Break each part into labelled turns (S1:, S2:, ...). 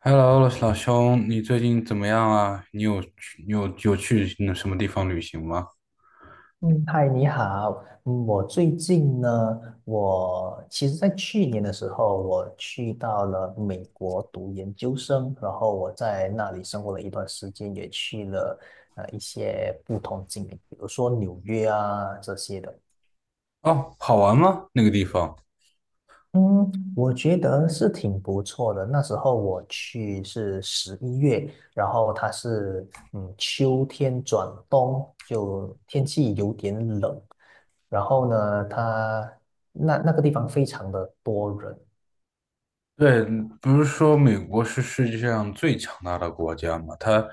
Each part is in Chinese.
S1: Hello，老兄，你最近怎么样啊？你有去那什么地方旅行吗？
S2: 嗯，嗨，你好。嗯，我最近呢，我其实在去年的时候，我去到了美国读研究生，然后我在那里生活了一段时间，也去了一些不同景点，比如说纽约啊这些的。
S1: 哦，好玩吗？那个地方？
S2: 嗯，我觉得是挺不错的。那时候我去是11月，然后它是秋天转冬，就天气有点冷。然后呢，它那个地方非常的多人，
S1: 对，不是说美国是世界上最强大的国家吗？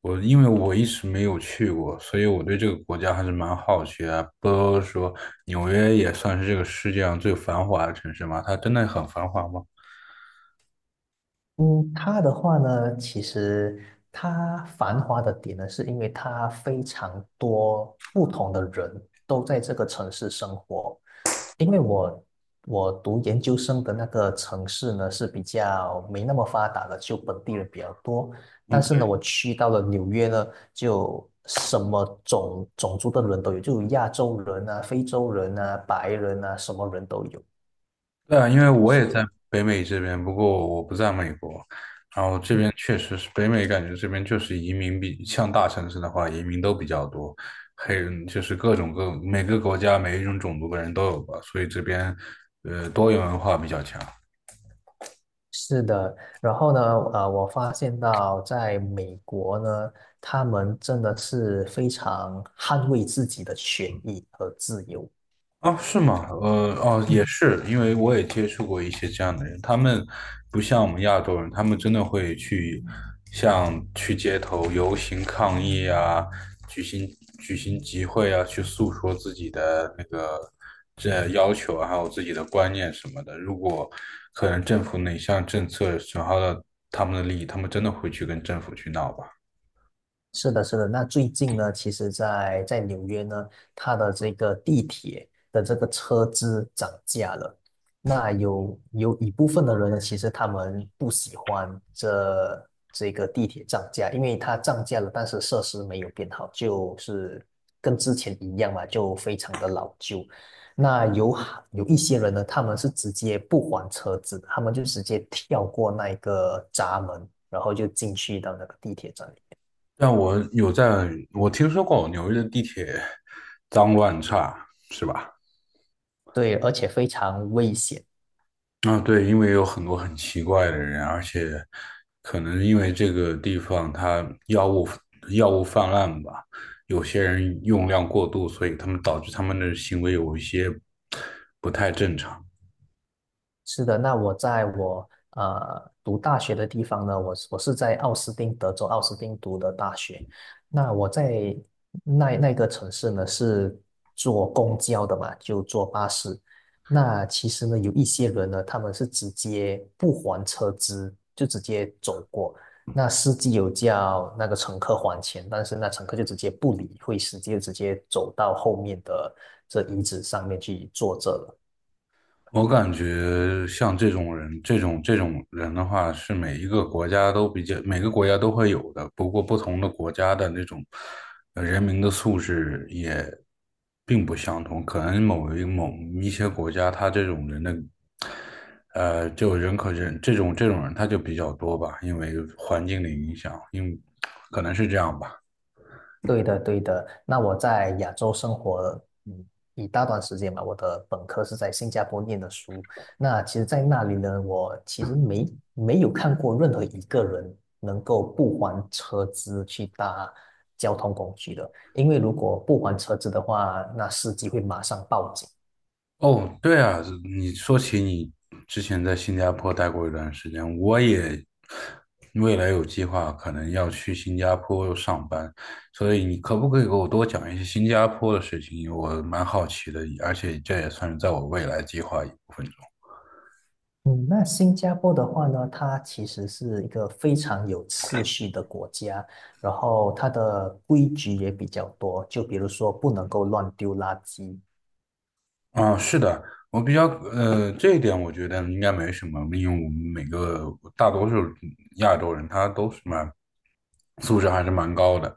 S1: 因为我一直没有去过，所以我对这个国家还是蛮好奇的。不都说纽约也算是这个世界上最繁华的城市吗？它真的很繁华吗？
S2: 嗯，它的话呢，其实它繁华的点呢，是因为它非常多不同的人都在这个城市生活。因为我读研究生的那个城市呢是比较没那么发达的，就本地人比较多。但是呢，
S1: 嗯。
S2: 我去到了纽约呢，就什么种种族的人都有，就有亚洲人啊、非洲人啊、白人啊，什么人都有，
S1: 对啊，因为我也
S2: 所
S1: 在
S2: 以。
S1: 北美这边，不过我不在美国。然后这
S2: 嗯。
S1: 边确实是北美，感觉这边就是移民比像大城市的话，移民都比较多，黑人就是各种各每个国家每一种种族的人都有吧，所以这边多元文化比较强。
S2: 是的，然后呢，我发现到在美国呢，他们真的是非常捍卫自己的权益和自由。
S1: 啊，是吗？哦，也
S2: 嗯，
S1: 是，因为我也接触过一些这样的人，他们不像我们亚洲人，他们真的会去像去街头游行抗议啊，举行举行集会啊，去诉说自己的这要求啊还有自己的观念什么的。如果可能政府哪项政策损害了他们的利益，他们真的会去跟政府去闹吧。
S2: 是的，是的。那最近呢，其实在纽约呢，它的这个地铁的这个车资涨价了。那有一部分的人呢，其实他们不喜欢这个地铁涨价，因为它涨价了，但是设施没有变好，就是跟之前一样嘛，就非常的老旧。那有好有一些人呢，他们是直接不还车资的，他们就直接跳过那一个闸门，然后就进去到那个地铁站里。
S1: 但我有在，我听说过纽约的地铁脏乱差，是吧？
S2: 对，而且非常危险。
S1: 啊，对，因为有很多很奇怪的人，而且可能因为这个地方它药物泛滥吧，有些人用量过度，所以他们导致他们的行为有一些不太正常。
S2: 是的，那我在读大学的地方呢，我是在奥斯汀，德州奥斯汀读的大学。那我在那个城市呢，是坐公交的嘛，就坐巴士。那其实呢，有一些人呢，他们是直接不还车资，就直接走过。那司机有叫那个乘客还钱，但是那乘客就直接不理会，司机就直接走到后面的这椅子上面去坐着了。
S1: 我感觉像这种人，这种人的话，是每一个国家都比较，每个国家都会有的。不过，不同的国家的那种人民的素质也并不相同。可能某一些国家，他这种人的，就人可人这种人他就比较多吧，因为环境的影响，可能是这样吧。
S2: 对的，对的。那我在亚洲生活嗯一大段时间嘛，我的本科是在新加坡念的书。那其实，在那里呢，我其实没有看过任何一个人能够不还车资去搭交通工具的，因为如果不还车资的话，那司机会马上报警。
S1: 哦，对啊，你说起你之前在新加坡待过一段时间，我也未来有计划可能要去新加坡上班，所以你可不可以给我多讲一些新加坡的事情？我蛮好奇的，而且这也算是在我未来计划一部分。
S2: 嗯，那新加坡的话呢，它其实是一个非常有秩序的国家，然后它的规矩也比较多，就比如说不能够乱丢垃圾。
S1: 啊，是的，我比较呃，这一点我觉得应该没什么，因为我们大多数亚洲人他都是蛮素质还是蛮高的。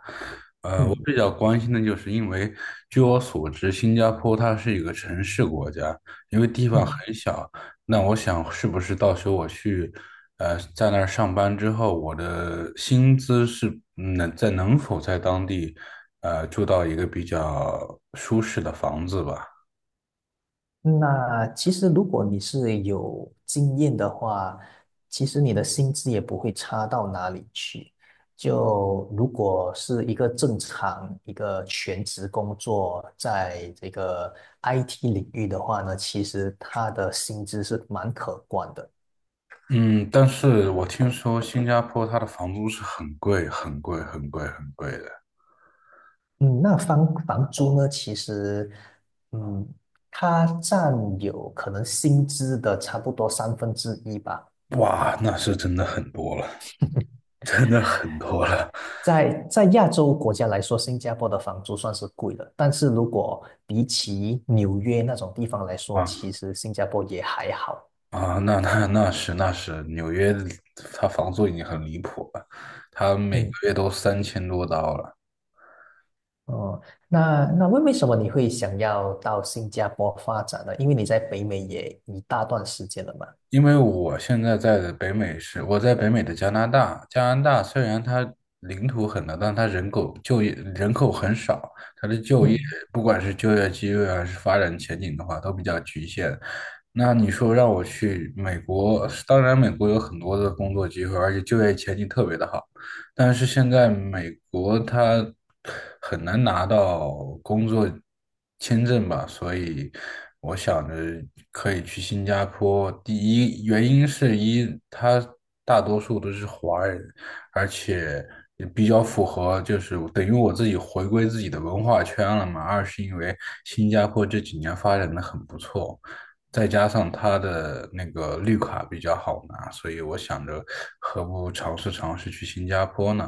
S1: 我
S2: 嗯
S1: 比较关心的就是，因为据我所知，新加坡它是一个城市国家，因为地方
S2: 嗯，
S1: 很小。那我想，是不是到时候我去在那儿上班之后，我的薪资是能否在当地住到一个比较舒适的房子吧？
S2: 那其实如果你是有经验的话，其实你的薪资也不会差到哪里去。就如果是一个正常一个全职工作，在这个 IT 领域的话呢，其实它的薪资是蛮可观的。
S1: 嗯，但是我听说新加坡它的房租是很贵、很贵、很贵、很贵的。
S2: 嗯，那房租呢？其实，嗯，它占有可能薪资的差不多三分之一吧。
S1: 哇，那是真的很多了，真的很多了
S2: 在亚洲国家来说，新加坡的房租算是贵的，但是如果比起纽约那种地方来说，其
S1: 啊。
S2: 实新加坡也还好。
S1: 啊！那是，纽约它房租已经很离谱了，它每个
S2: 嗯，
S1: 月都3000多刀了。
S2: 哦，那为什么你会想要到新加坡发展呢？因为你在北美也一大段时间了嘛。
S1: 因为我现在在的北美是我在北美的加拿大，加拿大虽然它领土很大，但它就业人口很少，它的就业
S2: 嗯
S1: 不管是就业机会还是发展前景的话，都比较局限。那你说让我去美国，当然美国有很多的工作机会，而且就业前景特别的好。但是现在美国它很难拿到工作签证吧，所以我想着可以去新加坡。第一原因是一，它大多数都是华人，而且也比较符合，就是等于我自己回归自己的文化圈了嘛。二是因为新加坡这几年发展的很不错。再加上他的那个绿卡比较好拿，所以我想着何不尝试尝试去新加坡呢？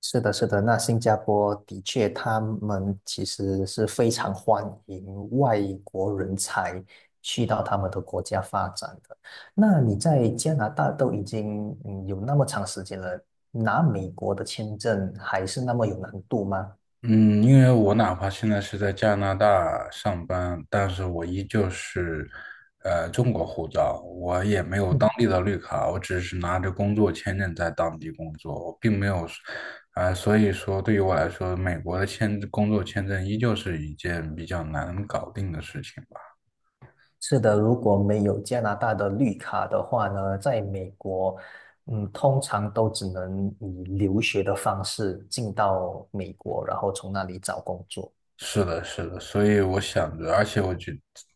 S2: 是的，是的，那新加坡的确，他们其实是非常欢迎外国人才去到他们的国家发展的。那你在加拿大都已经有那么长时间了，拿美国的签证还是那么有难度吗？
S1: 嗯，因为我哪怕现在是在加拿大上班，但是我依旧是中国护照，我也没有当
S2: 嗯，
S1: 地的绿卡，我只是拿着工作签证在当地工作，我并没有，所以说对于我来说，美国的工作签证依旧是一件比较难搞定的事情吧。
S2: 是的，如果没有加拿大的绿卡的话呢，在美国，通常都只能以留学的方式进到美国，然后从那里找工作。
S1: 是的，是的，所以我想着，而且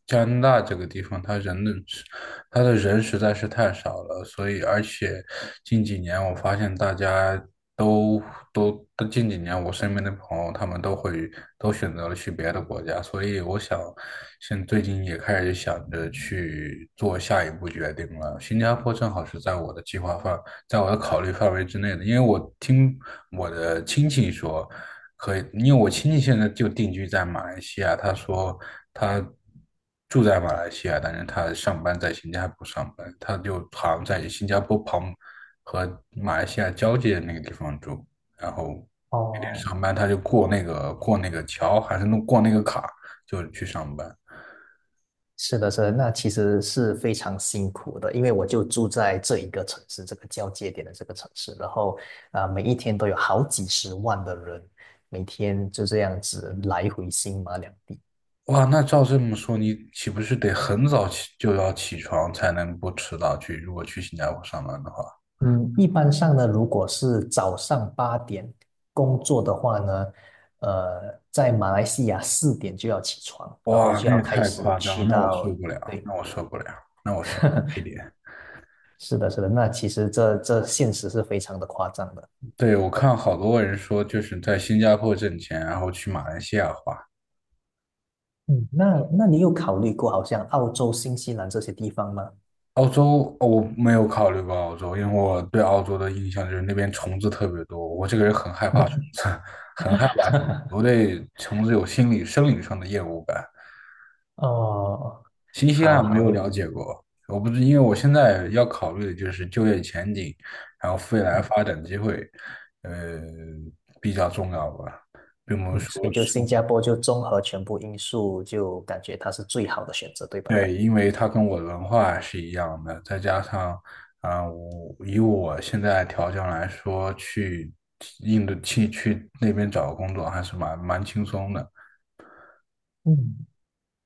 S1: 加拿大这个地方，它的人实在是太少了，所以而且近几年我发现大家都都都近几年我身边的朋友，他们都选择了去别的国家，所以我想最近也开始想着去做下一步决定了。新加坡正好是在我的计划范，在我的考虑范围之内的，因为我听我的亲戚说。可以，因为我亲戚现在就定居在马来西亚，他说他住在马来西亚，但是他上班在新加坡上班，他就好像在新加坡旁和马来西亚交界那个地方住，然后每天
S2: 哦，
S1: 上班他就过那个桥，还是弄过那个卡就去上班。
S2: 是的，是的，那其实是非常辛苦的，因为我就住在这一个城市，这个交界点的这个城市，然后啊每一天都有好几十万的人，每天就这样子来回新马两地。
S1: 哇，那照这么说，你岂不是得很早起就要起床才能不迟到去？如果去新加坡上班的话。
S2: 嗯，一般上呢，如果是早上8点工作的话呢，呃，在马来西亚4点就要起床，然后
S1: 哇，
S2: 就
S1: 那
S2: 要
S1: 也
S2: 开
S1: 太
S2: 始
S1: 夸张了，
S2: 去
S1: 那我受
S2: 到，
S1: 不了，那我受不了，那我受不了一 点。
S2: 是的，是的，那其实这这现实是非常的夸张的。
S1: 对，我看好多人说，就是在新加坡挣钱，然后去马来西亚花。
S2: 嗯，那你有考虑过好像澳洲、新西兰这些地方吗？
S1: 澳洲，哦我没有考虑过澳洲，因为我对澳洲的印象就是那边虫子特别多，我这个人很害怕虫子，很害怕虫子，我 对虫子有心理、生理上的厌恶感。
S2: 哦，
S1: 新西兰有
S2: 好
S1: 没
S2: 好，
S1: 有
S2: 那
S1: 了解过？我不知，因为我现在要考虑的就是就业前景，然后未来
S2: 嗯
S1: 发展机会，呃，比较重要吧，并不
S2: 嗯，
S1: 是
S2: 所
S1: 说
S2: 以就
S1: 是，
S2: 新加坡就综合全部因素，就感觉它是最好的选择，对吧？
S1: 对，因为它跟我的文化是一样的，再加上啊、我现在条件来说，去印度去那边找个工作还是蛮轻松的，
S2: 嗯，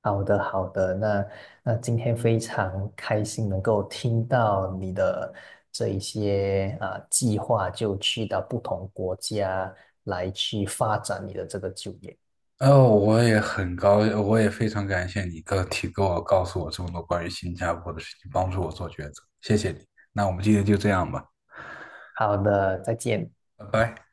S2: 好的，好的。那今天非常开心能够听到你的这一些啊、计划，就去到不同国家来去发展你的这个就业。
S1: 哦，我也非常感谢你告诉我这么多关于新加坡的事情，帮助我做抉择，谢谢你。那我们今天就这样吧，
S2: 好的，再见。
S1: 拜拜。